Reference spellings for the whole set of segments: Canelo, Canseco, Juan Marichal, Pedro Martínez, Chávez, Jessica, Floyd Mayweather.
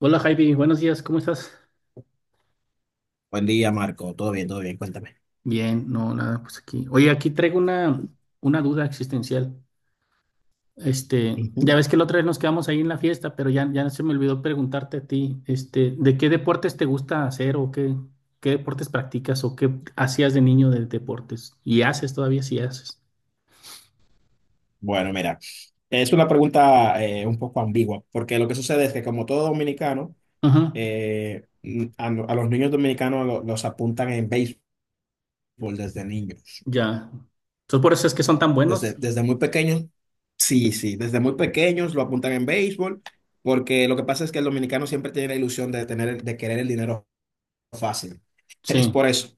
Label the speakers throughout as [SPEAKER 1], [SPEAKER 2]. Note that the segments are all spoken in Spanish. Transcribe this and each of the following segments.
[SPEAKER 1] Hola Javi, buenos días, ¿cómo estás?
[SPEAKER 2] Buen día, Marco. Todo bien, todo bien. Cuéntame.
[SPEAKER 1] Bien, no, nada, pues aquí. Oye, aquí traigo una duda existencial. Este, ya
[SPEAKER 2] Ujú.
[SPEAKER 1] ves que la otra vez nos quedamos ahí en la fiesta, pero ya, ya se me olvidó preguntarte a ti, este, ¿de qué deportes te gusta hacer o qué deportes practicas o qué hacías de niño de deportes? Y haces todavía si haces.
[SPEAKER 2] Bueno, mira, es una pregunta un poco ambigua, porque lo que sucede es que como todo dominicano,
[SPEAKER 1] Ajá,
[SPEAKER 2] eh, no, a los niños dominicanos los apuntan en béisbol desde niños.
[SPEAKER 1] ya. Entonces por eso es que son tan
[SPEAKER 2] Desde,
[SPEAKER 1] buenos.
[SPEAKER 2] desde muy pequeños, sí, sí, desde muy pequeños lo apuntan en béisbol, porque lo que pasa es que el dominicano siempre tiene la ilusión de tener, de querer el dinero fácil. Es
[SPEAKER 1] Sí,
[SPEAKER 2] por eso.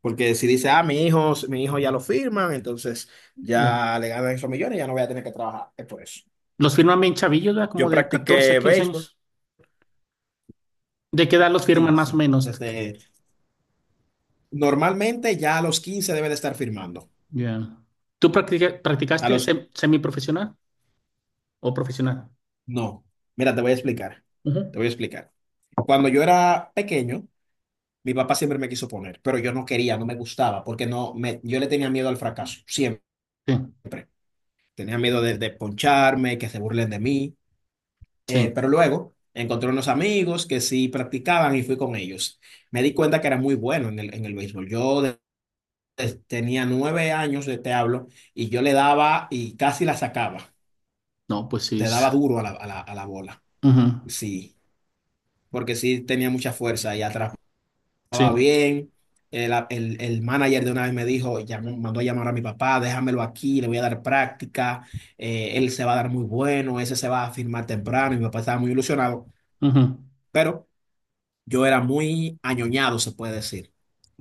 [SPEAKER 2] Porque si dice, ah, mi hijo ya lo firman, entonces
[SPEAKER 1] ya.
[SPEAKER 2] ya le ganan esos millones, ya no voy a tener que trabajar. Es por eso.
[SPEAKER 1] Los firman bien chavillos, ¿verdad? Como
[SPEAKER 2] Yo
[SPEAKER 1] de 14 a
[SPEAKER 2] practiqué
[SPEAKER 1] 15
[SPEAKER 2] béisbol.
[SPEAKER 1] años. ¿De qué edad los firman
[SPEAKER 2] Sí,
[SPEAKER 1] más o
[SPEAKER 2] sí.
[SPEAKER 1] menos?
[SPEAKER 2] Normalmente ya a los 15 debe de estar firmando.
[SPEAKER 1] Ya. ¿Tú
[SPEAKER 2] A
[SPEAKER 1] practicaste
[SPEAKER 2] los,
[SPEAKER 1] semiprofesional o profesional?
[SPEAKER 2] no. Mira, te voy a explicar.
[SPEAKER 1] Ujú.
[SPEAKER 2] Te voy a explicar. Cuando yo era pequeño, mi papá siempre me quiso poner, pero yo no quería, no me gustaba, porque no me, yo le tenía miedo al fracaso, siempre.
[SPEAKER 1] Sí,
[SPEAKER 2] Tenía miedo de poncharme, que se burlen de mí.
[SPEAKER 1] sí.
[SPEAKER 2] Pero luego encontré unos amigos que sí practicaban y fui con ellos. Me di cuenta que era muy bueno en el béisbol. Yo tenía 9 años, de te hablo, y yo le daba y casi la sacaba.
[SPEAKER 1] No, pues sí.
[SPEAKER 2] Te daba duro a la bola.
[SPEAKER 1] Ujú,
[SPEAKER 2] Sí, porque sí tenía mucha fuerza y atrapaba
[SPEAKER 1] sí.
[SPEAKER 2] bien. El manager de una vez me dijo, llamó, mandó a llamar a mi papá, déjamelo aquí, le voy a dar práctica, él se va a dar muy bueno, ese se va a firmar temprano, y mi papá estaba muy ilusionado,
[SPEAKER 1] Ujú.
[SPEAKER 2] pero yo era muy añoñado, se puede decir,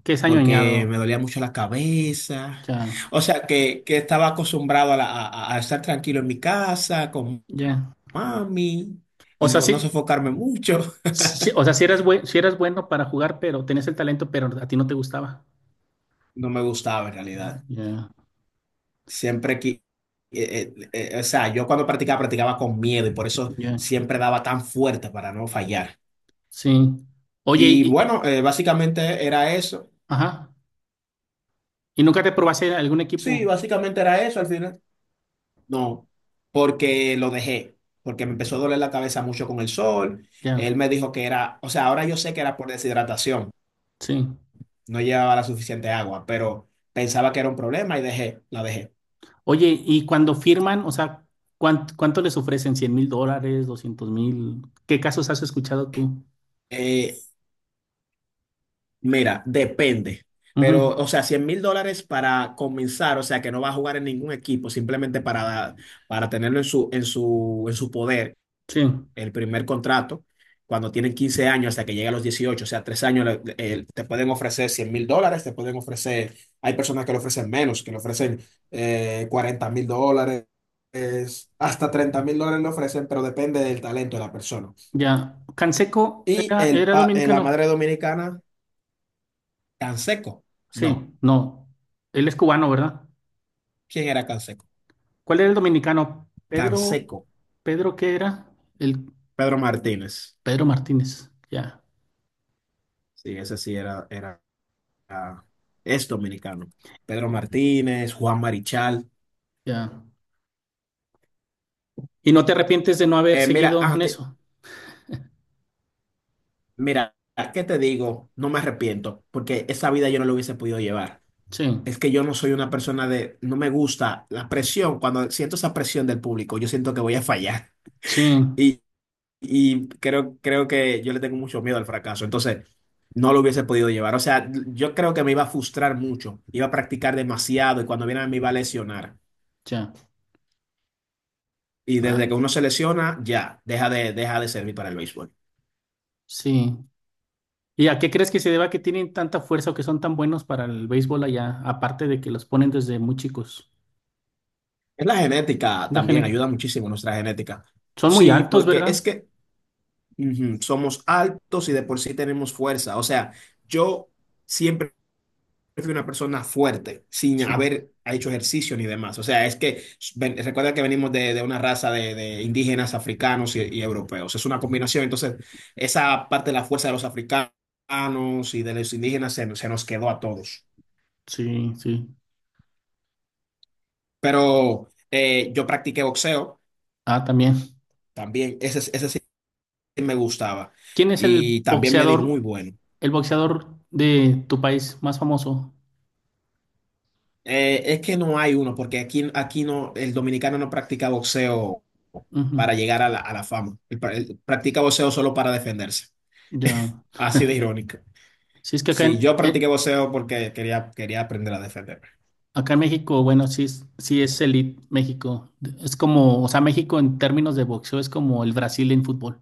[SPEAKER 1] ¿Qué es
[SPEAKER 2] porque me
[SPEAKER 1] añoñado?
[SPEAKER 2] dolía mucho la cabeza.
[SPEAKER 1] Ya,
[SPEAKER 2] O sea, que estaba acostumbrado a estar tranquilo en mi casa, con
[SPEAKER 1] ya.
[SPEAKER 2] mami,
[SPEAKER 1] O
[SPEAKER 2] y
[SPEAKER 1] sea,
[SPEAKER 2] no, no
[SPEAKER 1] sí,
[SPEAKER 2] sofocarme mucho.
[SPEAKER 1] sí, o sea, si eras bueno para jugar, pero tenías el talento, pero a ti no te gustaba.
[SPEAKER 2] No me gustaba en realidad.
[SPEAKER 1] Ya,
[SPEAKER 2] Siempre que... eh, o sea, yo cuando practicaba, practicaba con miedo y por eso
[SPEAKER 1] ya.
[SPEAKER 2] siempre daba tan fuerte para no fallar.
[SPEAKER 1] Sí. Oye,
[SPEAKER 2] Y bueno, básicamente era eso.
[SPEAKER 1] ajá. ¿Y nunca te probaste en algún
[SPEAKER 2] Sí,
[SPEAKER 1] equipo?
[SPEAKER 2] básicamente era eso al final. No, porque lo dejé, porque me empezó a doler la cabeza mucho con el sol. Él
[SPEAKER 1] Ya,
[SPEAKER 2] me dijo que era, o sea, ahora yo sé que era por deshidratación,
[SPEAKER 1] sí.
[SPEAKER 2] no llevaba la suficiente agua, pero pensaba que era un problema y dejé, la dejé.
[SPEAKER 1] Oye, y cuando firman, o sea, ¿cuánto les ofrecen? ¿$100,000? ¿200,000? ¿Qué casos has escuchado tú?
[SPEAKER 2] Eh, Mira, depende,
[SPEAKER 1] Ujú,
[SPEAKER 2] pero, o sea, $100,000 para comenzar, o sea, que no va a jugar en ningún equipo, simplemente para tenerlo en su poder
[SPEAKER 1] sí,
[SPEAKER 2] el primer contrato, cuando tienen 15 años hasta que llega a los 18, o sea, 3 años, te pueden ofrecer $100,000, te pueden ofrecer, hay personas que le ofrecen menos, que le ofrecen 40 mil dólares, hasta $30,000 le ofrecen, pero depende del talento de la persona.
[SPEAKER 1] ya. Canseco
[SPEAKER 2] Y
[SPEAKER 1] era, era
[SPEAKER 2] la
[SPEAKER 1] dominicano.
[SPEAKER 2] madre dominicana, Canseco. No,
[SPEAKER 1] Sí, no. Él es cubano, ¿verdad?
[SPEAKER 2] ¿quién era Canseco?
[SPEAKER 1] ¿Cuál era el dominicano? Pedro,
[SPEAKER 2] Canseco,
[SPEAKER 1] Pedro, ¿qué era? El
[SPEAKER 2] Pedro Martínez,
[SPEAKER 1] Pedro Martínez. Ya,
[SPEAKER 2] sí, ese sí era- es dominicano. Pedro Martínez, Juan Marichal.
[SPEAKER 1] ya. ¿Y no te arrepientes de no haber
[SPEAKER 2] Mira,
[SPEAKER 1] seguido en eso?
[SPEAKER 2] mira, ¿qué te digo? No me arrepiento, porque esa vida yo no la hubiese podido llevar.
[SPEAKER 1] Sí,
[SPEAKER 2] Es que yo no soy una persona de, no me gusta la presión. Cuando siento esa presión del público, yo siento que voy a fallar.
[SPEAKER 1] sí,
[SPEAKER 2] Y, y creo que yo le tengo mucho miedo al fracaso. Entonces, no lo hubiese podido llevar. O sea, yo creo que me iba a frustrar mucho. Iba a practicar demasiado y cuando viera me iba a lesionar.
[SPEAKER 1] ya.
[SPEAKER 2] Y
[SPEAKER 1] Ah,
[SPEAKER 2] desde que uno se lesiona, ya, deja de servir para el béisbol.
[SPEAKER 1] sí. ¿Y a qué crees que se deba que tienen tanta fuerza o que son tan buenos para el béisbol allá? Aparte de que los ponen desde muy chicos.
[SPEAKER 2] Es la genética
[SPEAKER 1] La
[SPEAKER 2] también,
[SPEAKER 1] gente.
[SPEAKER 2] ayuda muchísimo nuestra genética.
[SPEAKER 1] Son muy
[SPEAKER 2] Sí,
[SPEAKER 1] altos,
[SPEAKER 2] porque es
[SPEAKER 1] ¿verdad?
[SPEAKER 2] que, ujú, somos altos y de por sí tenemos fuerza. O sea, yo siempre fui una persona fuerte, sin
[SPEAKER 1] Sí,
[SPEAKER 2] haber hecho ejercicio ni demás. O sea, es que recuerda que venimos de una raza de indígenas africanos y europeos. Es una combinación. Entonces, esa parte de la fuerza de los africanos y de los indígenas se nos quedó a todos.
[SPEAKER 1] sí, sí.
[SPEAKER 2] Pero yo practiqué boxeo
[SPEAKER 1] Ah, también.
[SPEAKER 2] también. Ese sí me gustaba.
[SPEAKER 1] ¿Quién es
[SPEAKER 2] Y también me di muy
[SPEAKER 1] boxeador,
[SPEAKER 2] bueno.
[SPEAKER 1] el boxeador de tu país más famoso?
[SPEAKER 2] Es que no hay uno, porque aquí no, el dominicano no practica boxeo
[SPEAKER 1] Ujú,
[SPEAKER 2] para llegar a la fama. Él practica boxeo solo para defenderse.
[SPEAKER 1] ya.
[SPEAKER 2] Así de irónico.
[SPEAKER 1] Si es que acá
[SPEAKER 2] Sí, yo practiqué boxeo porque quería aprender a defenderme.
[SPEAKER 1] acá en México, bueno, sí, sí es elite México. Es como, o sea, México en términos de boxeo es como el Brasil en fútbol.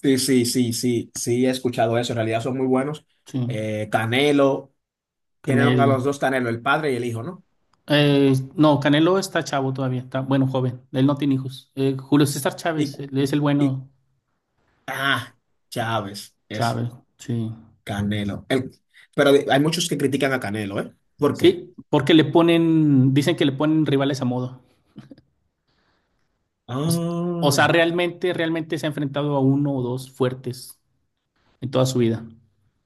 [SPEAKER 2] Sí, sí, sí, sí, sí, he escuchado eso. En realidad son muy buenos.
[SPEAKER 1] Sí.
[SPEAKER 2] Canelo, tienen a los
[SPEAKER 1] Canelo.
[SPEAKER 2] dos Canelo, el padre y el hijo, ¿no?
[SPEAKER 1] No, Canelo está chavo todavía, está bueno, joven. Él no tiene hijos. Julio César
[SPEAKER 2] Y,
[SPEAKER 1] Chávez, él es el
[SPEAKER 2] y
[SPEAKER 1] bueno.
[SPEAKER 2] ah, Chávez es
[SPEAKER 1] Chávez, sí.
[SPEAKER 2] Canelo. Pero hay muchos que critican a Canelo, ¿eh? ¿Por qué?
[SPEAKER 1] Sí, porque le ponen, dicen que le ponen rivales a modo. O, s- o sea,
[SPEAKER 2] Ah.
[SPEAKER 1] realmente, realmente se ha enfrentado a uno o dos fuertes en toda su vida.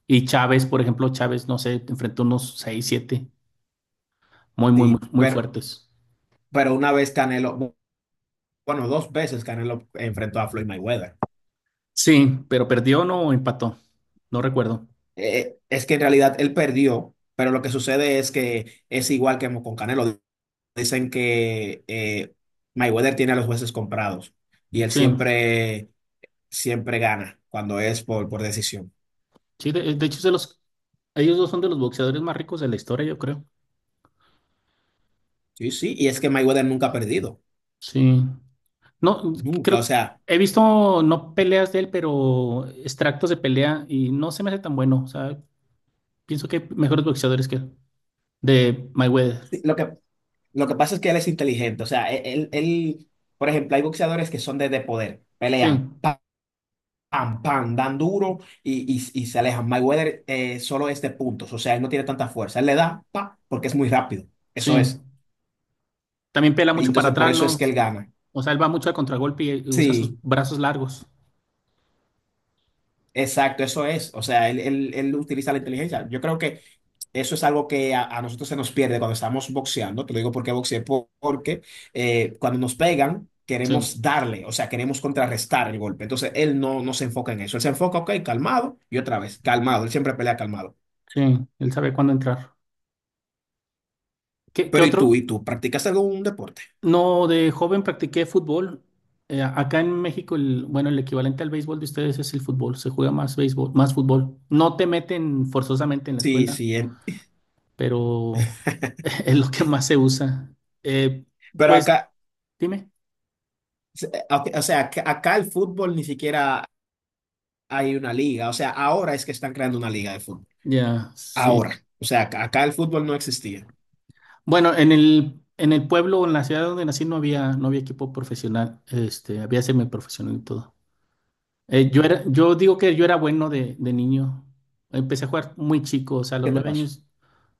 [SPEAKER 1] Y Chávez, por ejemplo, Chávez, no sé, enfrentó unos seis, siete, muy, muy, muy,
[SPEAKER 2] Sí,
[SPEAKER 1] muy
[SPEAKER 2] pero,
[SPEAKER 1] fuertes.
[SPEAKER 2] pero una vez Canelo, bueno, dos veces Canelo enfrentó a Floyd Mayweather.
[SPEAKER 1] Sí, pero perdió o no empató, no recuerdo.
[SPEAKER 2] Es que en realidad él perdió, pero lo que sucede es que es igual que con Canelo. Dicen que Mayweather tiene a los jueces comprados y él
[SPEAKER 1] Sí,
[SPEAKER 2] siempre gana cuando es por decisión.
[SPEAKER 1] sí, de hecho, es de los, ellos dos son de los boxeadores más ricos de la historia, yo creo.
[SPEAKER 2] Sí, sí, y es que Mayweather nunca ha perdido,
[SPEAKER 1] Sí. No,
[SPEAKER 2] nunca. O
[SPEAKER 1] creo,
[SPEAKER 2] sea,
[SPEAKER 1] he visto no peleas de él, pero extractos de pelea y no se me hace tan bueno. O sea, pienso que hay mejores boxeadores que él. De Mayweather.
[SPEAKER 2] sí, lo que pasa es que él es inteligente. O sea, él, por ejemplo, hay boxeadores que son de poder,
[SPEAKER 1] Sí,
[SPEAKER 2] pelean. Pam, pam, dan duro y se alejan. Mayweather solo es de puntos, o sea, él no tiene tanta fuerza. Él le da, pa, porque es muy rápido.
[SPEAKER 1] sí.
[SPEAKER 2] Eso es.
[SPEAKER 1] También pela
[SPEAKER 2] Y
[SPEAKER 1] mucho para
[SPEAKER 2] entonces, por
[SPEAKER 1] atrás,
[SPEAKER 2] eso es
[SPEAKER 1] ¿no?
[SPEAKER 2] que él gana.
[SPEAKER 1] O sea, él va mucho al contragolpe y usa sus
[SPEAKER 2] Sí,
[SPEAKER 1] brazos largos.
[SPEAKER 2] exacto, eso es. O sea, él utiliza la inteligencia. Yo creo que eso es algo que a nosotros se nos pierde cuando estamos boxeando. Te lo digo porque boxeé, porque cuando nos pegan,
[SPEAKER 1] Sí,
[SPEAKER 2] queremos darle, o sea, queremos contrarrestar el golpe. Entonces, él no, no se enfoca en eso. Él se enfoca, ok, calmado, y otra vez, calmado. Él siempre pelea calmado.
[SPEAKER 1] sí. Él sabe cuándo entrar. ¿Qué, qué
[SPEAKER 2] Pero ¿y tú?
[SPEAKER 1] otro,
[SPEAKER 2] ¿Y tú? ¿Practicas algún deporte?
[SPEAKER 1] No, de joven practiqué fútbol. Acá en México, bueno, el equivalente al béisbol de ustedes es el fútbol. Se juega más béisbol, más fútbol. No te meten forzosamente en la
[SPEAKER 2] Sí,
[SPEAKER 1] escuela,
[SPEAKER 2] sí.
[SPEAKER 1] pero es lo que más se usa. Eh,
[SPEAKER 2] Pero
[SPEAKER 1] pues,
[SPEAKER 2] acá,
[SPEAKER 1] dime.
[SPEAKER 2] o sea, acá el fútbol ni siquiera hay una liga. O sea, ahora es que están creando una liga de fútbol.
[SPEAKER 1] Ya, sí.
[SPEAKER 2] Ahora. O sea, acá el fútbol no existía.
[SPEAKER 1] Bueno, en el pueblo, en la ciudad donde nací, no había equipo profesional. Este, había semiprofesional y todo. Yo digo que yo era bueno de niño. Empecé a jugar muy chico, o sea, a los
[SPEAKER 2] ¿Qué te
[SPEAKER 1] nueve
[SPEAKER 2] pasó?
[SPEAKER 1] años,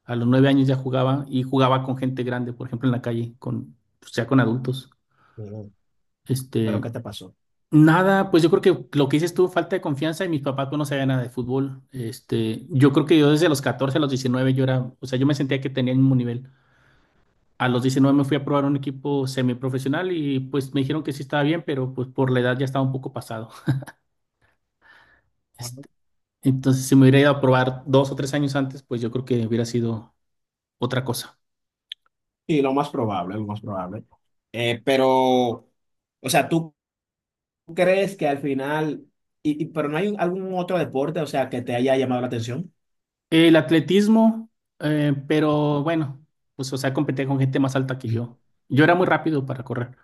[SPEAKER 1] ya jugaba y jugaba con gente grande, por ejemplo, en la calle, o sea, con adultos.
[SPEAKER 2] Mm. ¿Pero
[SPEAKER 1] Este,
[SPEAKER 2] qué te pasó?
[SPEAKER 1] nada, pues yo creo que lo que hice estuvo falta de confianza y mis papás pues, no sabían nada de fútbol. Este, yo creo que yo desde los 14 a los 19 yo era, o sea, yo me sentía que tenía el mismo nivel. A los 19 me fui a probar un equipo semiprofesional y pues me dijeron que sí estaba bien, pero pues por la edad ya estaba un poco pasado. Entonces, si me hubiera ido a probar 2 o 3 años antes, pues yo creo que hubiera sido otra cosa.
[SPEAKER 2] Y lo más probable, lo más probable. Pero, o sea, ¿tú crees que al final, pero no hay algún otro deporte, o sea, que te haya llamado la atención?
[SPEAKER 1] El atletismo, pero bueno, pues o sea, competía con gente más alta que yo. Yo era muy rápido para correr,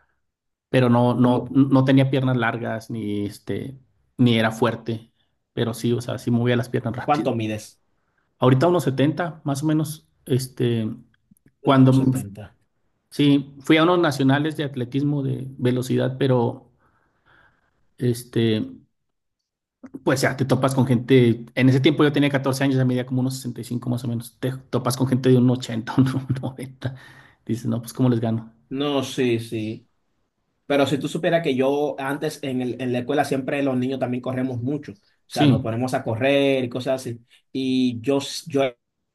[SPEAKER 1] pero no, no,
[SPEAKER 2] Como,
[SPEAKER 1] no tenía piernas largas, ni este, ni era fuerte, pero sí, o sea, sí movía las piernas rápido.
[SPEAKER 2] ¿cuánto mides?
[SPEAKER 1] Ahorita unos 70 más o menos, este,
[SPEAKER 2] uno
[SPEAKER 1] cuando, m-
[SPEAKER 2] setenta
[SPEAKER 1] sí, fui a unos nacionales de atletismo de velocidad, pero este... Pues ya, te topas con gente, en ese tiempo yo tenía 14 años, ya medía como unos 65 más o menos, te topas con gente de un 80, un 90, dices, no, pues ¿cómo les gano?
[SPEAKER 2] No, sí, sí. Pero si tú supieras que yo antes en la escuela siempre los niños también corremos mucho, o sea,
[SPEAKER 1] Sí,
[SPEAKER 2] nos ponemos a correr y cosas así. Y yo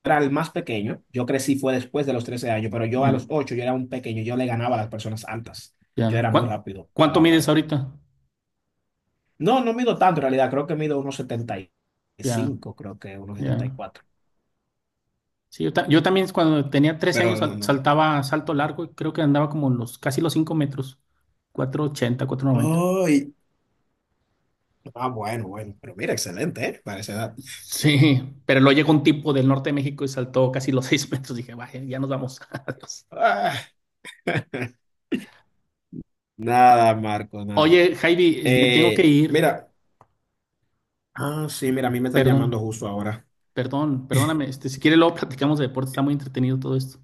[SPEAKER 2] era el más pequeño, yo crecí fue después de los 13 años, pero yo a
[SPEAKER 1] ya,
[SPEAKER 2] los 8 yo era un pequeño, yo le ganaba a las personas altas, yo
[SPEAKER 1] ya.
[SPEAKER 2] era muy rápido a
[SPEAKER 1] ¿Cuánto
[SPEAKER 2] la hora
[SPEAKER 1] mides
[SPEAKER 2] de...
[SPEAKER 1] ahorita?
[SPEAKER 2] No, no mido tanto en realidad, creo que mido unos setenta y
[SPEAKER 1] Ya,
[SPEAKER 2] cinco creo que unos setenta y
[SPEAKER 1] ya.
[SPEAKER 2] cuatro
[SPEAKER 1] Sí, yo también cuando tenía 13 años
[SPEAKER 2] pero no, no.
[SPEAKER 1] saltaba salto largo y creo que andaba como los, casi los 5 metros, 480, 490.
[SPEAKER 2] Ay, ah, bueno, bueno, pero mira, excelente, ¿eh? Para esa edad.
[SPEAKER 1] Sí, pero luego llegó un tipo del norte de México y saltó casi los 6 metros, dije, vaya, ya nos vamos, adiós.
[SPEAKER 2] Ah, nada, Marco, nada.
[SPEAKER 1] Oye, Javi, me tengo que ir.
[SPEAKER 2] Mira, sí, mira, a mí me están llamando
[SPEAKER 1] Perdón,
[SPEAKER 2] justo ahora.
[SPEAKER 1] perdón, perdóname. Este, si quiere, luego platicamos de deporte. Está muy entretenido todo esto.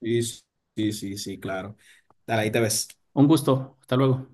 [SPEAKER 2] Sí, sí, sí, sí, claro. Dale, ahí te ves.
[SPEAKER 1] Un gusto. Hasta luego.